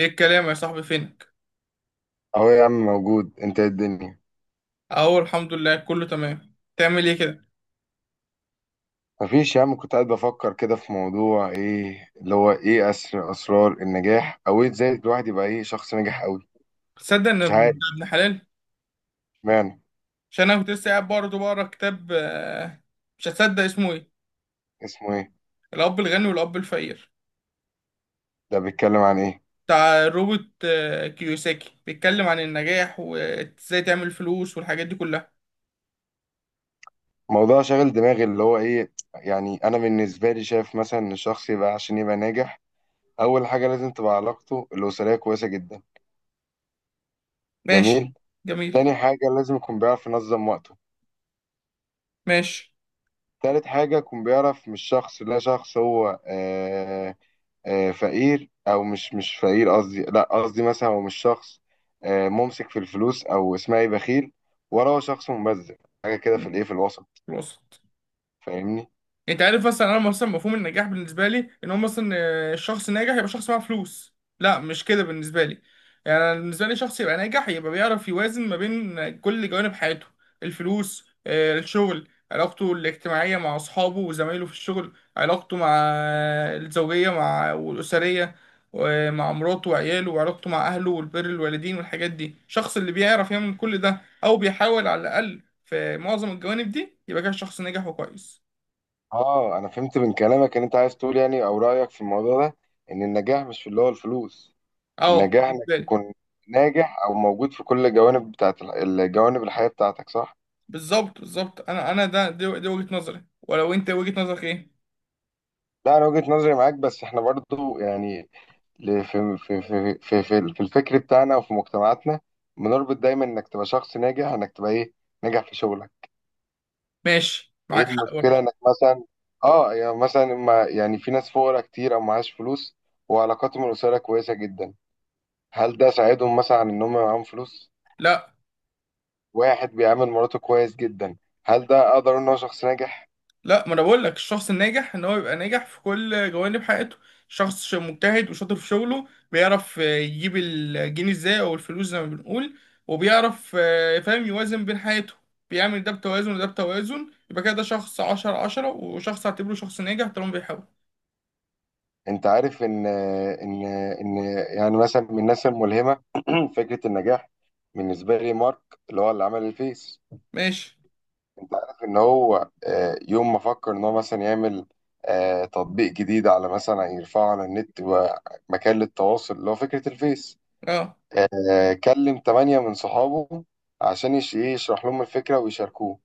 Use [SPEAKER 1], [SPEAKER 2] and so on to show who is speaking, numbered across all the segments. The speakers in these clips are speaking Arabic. [SPEAKER 1] ايه الكلام يا صاحبي؟ فينك؟
[SPEAKER 2] اهو يا عم، موجود. انت إيه الدنيا؟
[SPEAKER 1] اهو الحمد لله، كله تمام. تعمل ايه كده؟
[SPEAKER 2] مفيش يا عم، كنت قاعد بفكر كده في موضوع ايه اللي هو ايه اسرار النجاح، او ازاي الواحد يبقى شخص ناجح قوي.
[SPEAKER 1] تصدق ان
[SPEAKER 2] مش
[SPEAKER 1] ابن
[SPEAKER 2] عارف
[SPEAKER 1] ابن حلال؟
[SPEAKER 2] معنى
[SPEAKER 1] عشان انا كنت لسه قاعد برضه بقرا كتاب. مش هتصدق اسمه ايه.
[SPEAKER 2] اسمه ايه.
[SPEAKER 1] الاب الغني والاب الفقير،
[SPEAKER 2] ده بيتكلم عن ايه؟
[SPEAKER 1] بتاع روبرت كيوساكي. بيتكلم عن النجاح وازاي تعمل فلوس والحاجات دي كلها.
[SPEAKER 2] موضوع شاغل دماغي، اللي هو يعني انا بالنسبه لي شايف مثلا ان الشخص عشان يبقى ناجح، اول حاجه لازم تبقى علاقته الاسريه كويسه جدا.
[SPEAKER 1] ماشي.
[SPEAKER 2] جميل. تاني
[SPEAKER 1] جميل.
[SPEAKER 2] حاجه لازم يكون بيعرف ينظم وقته.
[SPEAKER 1] ماشي.
[SPEAKER 2] تالت حاجه يكون بيعرف، مش شخص لا شخص هو فقير، او مش فقير قصدي، لا قصدي مثلا هو مش شخص ممسك في الفلوس، او اسمها ايه، بخيل. وراه شخص مبذر. حاجه كده
[SPEAKER 1] م،
[SPEAKER 2] في الايه في الوسط.
[SPEAKER 1] وصل.
[SPEAKER 2] فاهمني؟
[SPEAKER 1] انت عارف مثلا، انا مثلا مفهوم النجاح بالنسبه لي ان هو مثلا الشخص ناجح يبقى شخص معاه فلوس، لا مش كده بالنسبه لي. يعني أنا بالنسبه لي شخص يبقى ناجح يبقى بيعرف يوازن ما بين كل جوانب حياته. الفلوس، الشغل، علاقته الاجتماعيه مع اصحابه وزمايله في الشغل، علاقته مع الزوجيه، مع والاسريه، ومع مراته وعياله، وعلاقته مع اهله والبر الوالدين والحاجات دي. الشخص اللي بيعرف يعمل كل ده، او بيحاول على الاقل في معظم الجوانب دي، يبقى كده شخص ناجح وكويس.
[SPEAKER 2] اه، انا فهمت من كلامك، ان انت عايز تقول يعني او رايك في الموضوع ده، ان النجاح مش في اللي هو الفلوس.
[SPEAKER 1] اه،
[SPEAKER 2] النجاح انك
[SPEAKER 1] بالنسبه لي.
[SPEAKER 2] تكون ناجح، او موجود في كل الجوانب، بتاعت الجوانب الحياه بتاعتك، صح؟
[SPEAKER 1] بالظبط بالظبط، انا ده دي وجهه نظري، ولو انت وجهه نظرك ايه؟
[SPEAKER 2] لا انا وجهه نظري معاك، بس احنا برضو يعني، ليه في الفكر بتاعنا وفي مجتمعاتنا بنربط دايما انك تبقى شخص ناجح، انك تبقى ايه، ناجح في شغلك؟
[SPEAKER 1] ماشي،
[SPEAKER 2] ايه
[SPEAKER 1] معاك حق
[SPEAKER 2] المشكله
[SPEAKER 1] برضه.
[SPEAKER 2] انك مثلا، اه يعني مثلا، ما يعني في ناس فقراء كتير او معاش فلوس، وعلاقاتهم الاسريه كويسه جدا. هل ده ساعدهم مثلا عن ان هم معاهم فلوس؟
[SPEAKER 1] لا
[SPEAKER 2] واحد بيعامل مراته كويس جدا، هل ده اقدر اقول ان هو شخص ناجح؟
[SPEAKER 1] لا، ما انا بقول لك الشخص الناجح ان هو يبقى ناجح في كل جوانب حياته. شخص مجتهد وشاطر في شغله، بيعرف يجيب الجنيه ازاي، او الفلوس زي ما بنقول. وبيعرف فاهم يوازن بين حياته. بيعمل ده بتوازن وده بتوازن، يبقى كده ده شخص عشرة عشرة، وشخص اعتبره شخص ناجح طالما بيحاول.
[SPEAKER 2] انت عارف ان يعني مثلا، من الناس الملهمه، فكره النجاح بالنسبه لي، مارك، اللي هو اللي عمل الفيس.
[SPEAKER 1] ماشي.
[SPEAKER 2] انت عارف ان هو يوم ما فكر ان هو مثلا يعمل تطبيق جديد، على مثلا يرفعه على النت، ومكان للتواصل، اللي هو فكرة الفيس،
[SPEAKER 1] اه
[SPEAKER 2] كلم 8 من صحابه عشان يش- ايه يشرح لهم الفكرة ويشاركوه.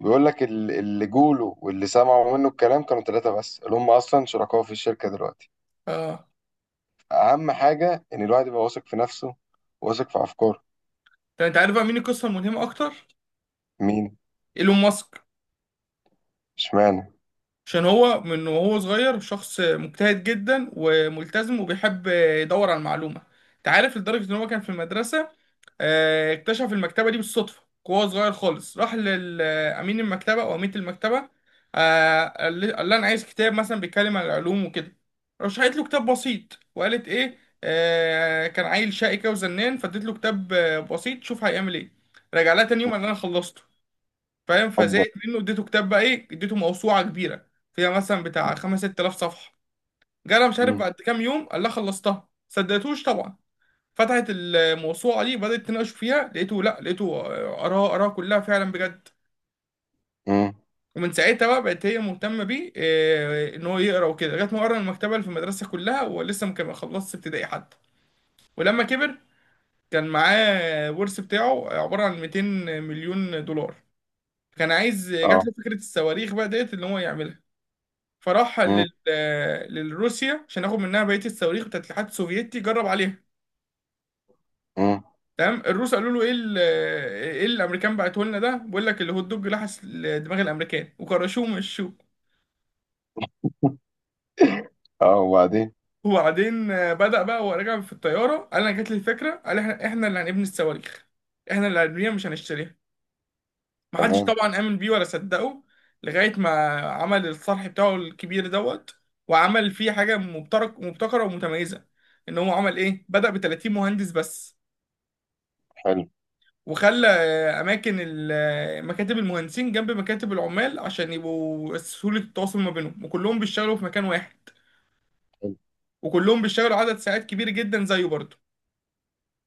[SPEAKER 2] بيقول لك اللي جوله واللي سمعوا منه الكلام كانوا 3 بس، اللي هم أصلا شركاء في الشركة دلوقتي.
[SPEAKER 1] اه.
[SPEAKER 2] أهم حاجة إن الواحد يبقى واثق في نفسه، واثق في أفكاره.
[SPEAKER 1] طب انت عارف بقى مين القصه الملهمه اكتر؟
[SPEAKER 2] مين؟
[SPEAKER 1] ايلون ماسك.
[SPEAKER 2] اشمعنى؟
[SPEAKER 1] عشان هو من وهو صغير شخص مجتهد جدا وملتزم، وبيحب يدور على المعلومة. انت عارف لدرجة ان هو كان في المدرسة اكتشف المكتبة دي بالصدفة، وهو صغير خالص. راح لأمين المكتبة أو أمينة المكتبة، قال لها أنا عايز كتاب مثلا بيتكلم عن العلوم وكده. رشحت له كتاب بسيط، وقالت إيه، كان عيل شقي كده وزنان، فاديت له كتاب بسيط، شوف هيعمل إيه. رجع لها تاني يوم قال لها أنا خلصته. فاهم؟
[SPEAKER 2] حبه.
[SPEAKER 1] فزهقت منه، اديته كتاب، بقى ايه، اديته موسوعه كبيره فيها مثلا بتاع 5 6000 صفحه. جالها مش عارف
[SPEAKER 2] مم.
[SPEAKER 1] بعد كام يوم قال لها خلصتها. صدقتوش طبعا. فتحت الموسوعه دي، بدات تناقش فيها، لقيته، لا لقيته قراها، قراها كلها فعلا بجد.
[SPEAKER 2] مم.
[SPEAKER 1] ومن ساعتها بقى بقت هي مهتمه بيه، ان هو يقرا وكده، لغايه ما قرا المكتبه اللي في المدرسه كلها، ولسه ما كان ما خلصش ابتدائي حتى. ولما كبر، كان معاه ورث بتاعه عباره عن 200 مليون دولار. كان عايز، جات
[SPEAKER 2] اه.
[SPEAKER 1] له فكره الصواريخ، بقى ديت ان هو يعملها. فراح
[SPEAKER 2] مم.
[SPEAKER 1] للروسيا عشان ياخد منها بقيه الصواريخ بتاعت الاتحاد السوفيتي، جرب عليها.
[SPEAKER 2] مم.
[SPEAKER 1] تمام، الروس قالوا له ايه ايه اللي الامريكان بعته لنا ده، بيقول لك الهوت دوج لحس دماغ الامريكان وكرشوه ومشوه.
[SPEAKER 2] اه، وبعدين؟
[SPEAKER 1] وبعدين بدأ بقى وهو راجع في الطياره، قال انا جات لي الفكره، قال احنا اللي هنبني الصواريخ. احنا اللي هنبنيها، مش هنشتريها. محدش
[SPEAKER 2] تمام.
[SPEAKER 1] طبعا امن بيه ولا صدقه، لغايه ما عمل الصرح بتاعه الكبير دوت. وعمل فيه حاجه مبتكره ومتميزه. ان هو عمل ايه، بدأ ب 30 مهندس بس.
[SPEAKER 2] حلو.
[SPEAKER 1] وخلى آه، اماكن ال- آه، مكاتب المهندسين جنب مكاتب العمال، عشان يبقوا سهولة التواصل ما بينهم، وكلهم بيشتغلوا في مكان واحد.
[SPEAKER 2] حلو.
[SPEAKER 1] وكلهم بيشتغلوا عدد ساعات كبير جدا زيه برضه.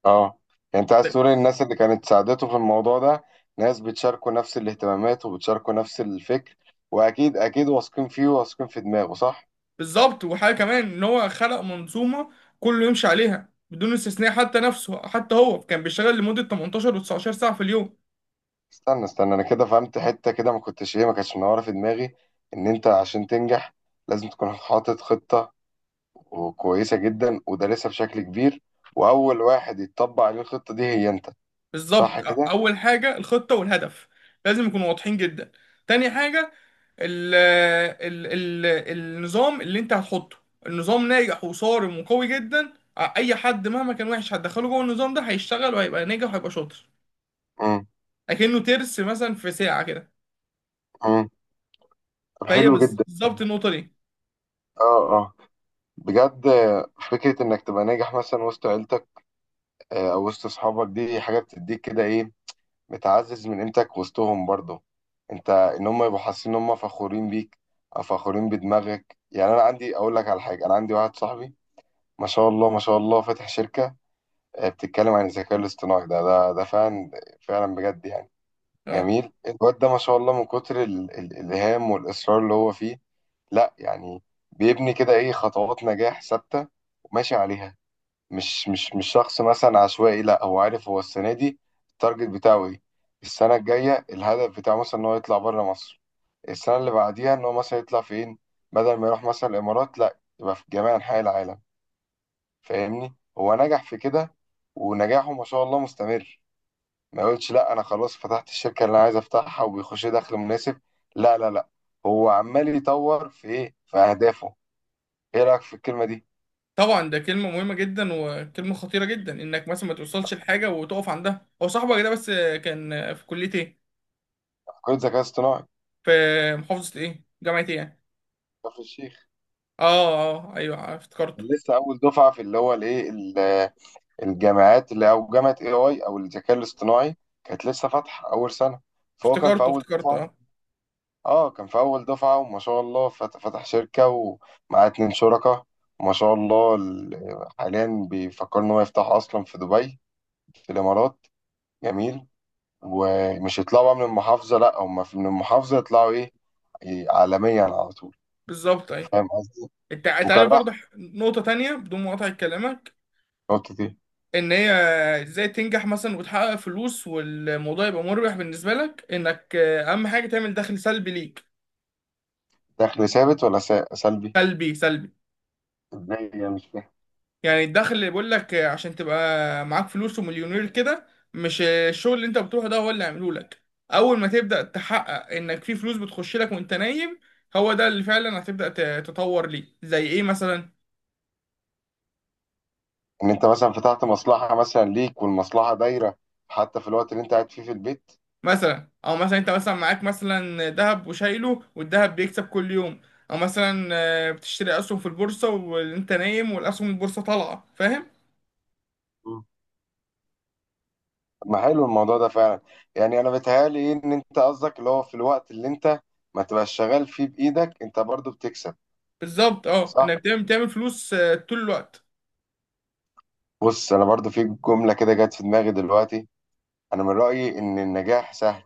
[SPEAKER 2] اه يعني انت عايز تقول إن الناس اللي كانت ساعدته في الموضوع ده ناس بتشاركوا نفس الاهتمامات وبتشاركوا نفس الفكر، واكيد اكيد واثقين فيه وواثقين في دماغه، صح؟
[SPEAKER 1] بالظبط. وحاجة كمان ان هو خلق منظومة كله يمشي عليها بدون استثناء، حتى نفسه. حتى هو كان بيشتغل لمدة 18 و19 ساعة في اليوم.
[SPEAKER 2] استنى استنى، انا كده فهمت حتة كده ما كنتش ايه ما كانتش منوره في دماغي، ان انت عشان تنجح لازم تكون حاطط خطة كويسة جدا ودارسها بشكل كبير، واول واحد يتطبق عليه الخطة دي هي انت. صح
[SPEAKER 1] بالظبط.
[SPEAKER 2] كده؟
[SPEAKER 1] اول حاجة الخطة والهدف، لازم يكونوا واضحين جدا. تاني حاجة، ال النظام اللي انت هتحطه. النظام ناجح وصارم وقوي جدا، اي حد مهما كان وحش هتدخله جوه النظام ده هيشتغل وهيبقى ناجح وهيبقى شاطر.
[SPEAKER 2] امم.
[SPEAKER 1] اكنه ترس مثلا في ساعة كده.
[SPEAKER 2] امم. طب حلو جدا.
[SPEAKER 1] بالظبط النقطة دي.
[SPEAKER 2] اه، آه. بجد. فكرة إنك تبقى ناجح مثلا وسط عيلتك، أو وسط أصحابك، دي حاجة بتديك كده إيه، بتعزز من قيمتك وسطهم برضه. أنت إن هم يبقوا حاسين إن هم فخورين بيك أو فخورين بدماغك. يعني أنا عندي أقول لك على حاجة، أنا عندي واحد صاحبي ما شاء الله ما شاء الله، فاتح شركة بتتكلم عن الذكاء الاصطناعي. ده ده ده فعلا فعلا بجد يعني.
[SPEAKER 1] اه
[SPEAKER 2] جميل الواد ده، ما شاء الله، من كتر الإلهام والإصرار اللي هو فيه. لا يعني، بيبني كده إيه، خطوات نجاح ثابتة، وماشي عليها. مش شخص مثلا عشوائي، لا، هو عارف هو السنه دي التارجت بتاعه ايه، السنه الجايه الهدف بتاعه مثلا ان هو يطلع بره مصر، السنه اللي بعديها ان هو مثلا يطلع فين، بدل ما يروح مثلا الامارات لا يبقى في جميع انحاء العالم. فاهمني؟ هو نجح في كده، ونجاحه ما شاء الله مستمر. ما يقولش لا انا خلاص فتحت الشركه اللي انا عايز افتحها وبيخش لي دخل مناسب، لا لا لا، هو عمال يطور في ايه، في اهدافه. ايه رايك في الكلمه دي؟
[SPEAKER 1] طبعا، ده كلمة مهمة جدا وكلمة خطيرة جدا، انك مثلا ما توصلش لحاجة وتقف عندها. هو صاحبك ده بس، كان في كلية ايه؟
[SPEAKER 2] كل ذكاء اصطناعي.
[SPEAKER 1] في محافظة ايه؟ جامعة ايه يعني؟
[SPEAKER 2] كفر الشيخ.
[SPEAKER 1] اه اه، ايوه افتكرته.
[SPEAKER 2] لسه اول دفعه في اللي هو الجامعات اللي، او جامعه اي اي او الذكاء الاصطناعي، كانت لسه فاتحه اول سنه، فهو كان في
[SPEAKER 1] افتكرته
[SPEAKER 2] اول
[SPEAKER 1] افتكرته
[SPEAKER 2] دفعه.
[SPEAKER 1] اه.
[SPEAKER 2] اه كان في اول دفعه، وما شاء الله فتح شركه ومعاه 2 شركاء، وما شاء الله حاليا بيفكر ان هو يفتح اصلا في دبي، في الامارات. جميل. ومش يطلعوا بقى من المحافظه، لا، هم من المحافظه يطلعوا ايه، إيه، عالميا على طول.
[SPEAKER 1] بالظبط ايوه.
[SPEAKER 2] فاهم قصدي؟
[SPEAKER 1] انت
[SPEAKER 2] وكان
[SPEAKER 1] عارف
[SPEAKER 2] راح.
[SPEAKER 1] برضه، نقطة تانية بدون مقاطعة كلامك.
[SPEAKER 2] نقطة ايه؟
[SPEAKER 1] ان هي ازاي تنجح مثلا وتحقق فلوس، والموضوع يبقى مربح بالنسبة لك، انك اهم حاجة تعمل دخل سلبي ليك.
[SPEAKER 2] دخل ثابت ولا سلبي؟
[SPEAKER 1] سلبي سلبي.
[SPEAKER 2] ازاي يعني؟ مش فاهم.
[SPEAKER 1] يعني الدخل اللي بيقول لك عشان تبقى معاك فلوس ومليونير كده، مش الشغل اللي انت بتروحه ده هو اللي عامله لك. اول ما تبدأ تحقق انك في فلوس بتخش لك وانت نايم، هو ده اللي فعلا هتبدأ تطور ليه. زي ايه مثلا؟
[SPEAKER 2] ان انت مثلا فتحت مصلحه مثلا ليك، والمصلحه دايره حتى في الوقت اللي انت قاعد فيه في البيت.
[SPEAKER 1] مثلا، او مثلا انت مثلا معاك مثلا ذهب وشايله، والذهب بيكسب كل يوم. او مثلا بتشتري اسهم في البورصه وانت نايم، والاسهم البورصه طالعه، فاهم.
[SPEAKER 2] مم. طب ما حلو الموضوع ده فعلا. يعني انا بيتهيألي إيه، ان انت قصدك اللي هو في الوقت اللي انت ما تبقاش شغال فيه بايدك، انت برضو بتكسب.
[SPEAKER 1] بالظبط، اه
[SPEAKER 2] صح.
[SPEAKER 1] انك دايما بتعمل فلوس طول الوقت.
[SPEAKER 2] بص انا برضو في جمله كده جت في دماغي دلوقتي، انا من رايي ان النجاح سهل،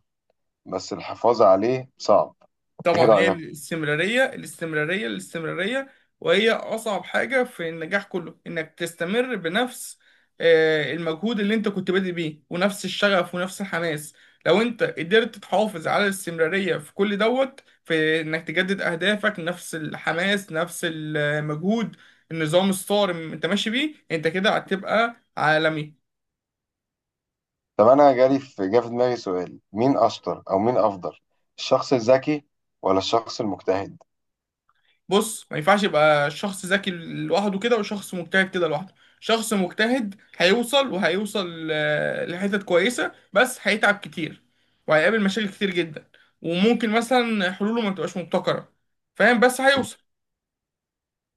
[SPEAKER 2] بس الحفاظ عليه صعب. ايه
[SPEAKER 1] طبعا، هي
[SPEAKER 2] رايك؟
[SPEAKER 1] الاستمرارية الاستمرارية الاستمرارية، وهي أصعب حاجة في النجاح كله، إنك تستمر بنفس المجهود اللي أنت كنت بادئ بيه، ونفس الشغف ونفس الحماس. لو أنت قدرت تحافظ على الاستمرارية في كل دوت، في إنك تجدد أهدافك، نفس الحماس نفس المجهود، النظام الصارم أنت ماشي بيه، أنت كده هتبقى عالمي.
[SPEAKER 2] طب انا جالي في دماغي سؤال. مين اشطر او مين افضل، الشخص الذكي ولا الشخص المجتهد؟
[SPEAKER 1] بص، ما ينفعش يبقى شخص ذكي لوحده كده، وشخص مجتهد كده لوحده. شخص مجتهد هيوصل، وهيوصل لحتت كويسة، بس هيتعب كتير، وهيقابل مشاكل كتير جدا، وممكن مثلا حلوله ما تبقاش مبتكرة، فاهم؟ بس هيوصل.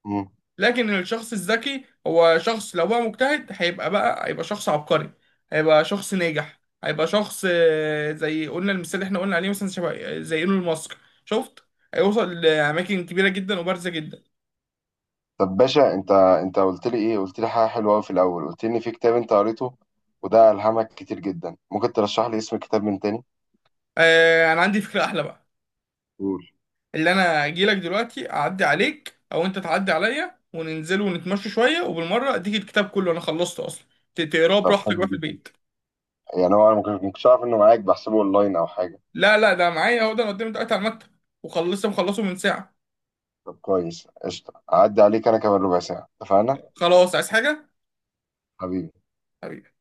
[SPEAKER 2] مم.
[SPEAKER 1] لكن الشخص الذكي، هو شخص لو بقى مجتهد هيبقى شخص عبقري، هيبقى شخص ناجح، هيبقى شخص زي قلنا المثال اللي احنا قلنا عليه مثلا، شبه زي ايلون ماسك. شفت؟ هيوصل لأماكن كبيرة جدا وبارزة جدا.
[SPEAKER 2] طب باشا، انت انت قلت لي ايه، قلت لي حاجه حلوه قوي في الاول، قلت لي ان في كتاب انت قريته وده الهمك كتير جدا. ممكن ترشح لي اسم الكتاب من تاني؟
[SPEAKER 1] آه، انا عندي فكرة احلى بقى.
[SPEAKER 2] قول.
[SPEAKER 1] اللي انا اجي لك دلوقتي اعدي عليك، او انت تعدي عليا، وننزل ونتمشى شوية، وبالمرة اديك الكتاب، كله انا خلصته اصلا. تقراه
[SPEAKER 2] طب
[SPEAKER 1] براحتك بقى
[SPEAKER 2] حلو
[SPEAKER 1] في
[SPEAKER 2] جدا.
[SPEAKER 1] البيت.
[SPEAKER 2] يعني هو انا ممكن كنتش اعرف انه معاك، بحسبه اونلاين او حاجه.
[SPEAKER 1] لا لا، ده معايا، اهو ده انا قدامي دلوقتي على المكتب، وخلصت مخلصه من ساعة.
[SPEAKER 2] طب كويس، قشطه. هعدي عليك انا كمان ربع ساعه، اتفقنا؟
[SPEAKER 1] خلاص، عايز حاجة؟
[SPEAKER 2] حبيبي.
[SPEAKER 1] حبيبي.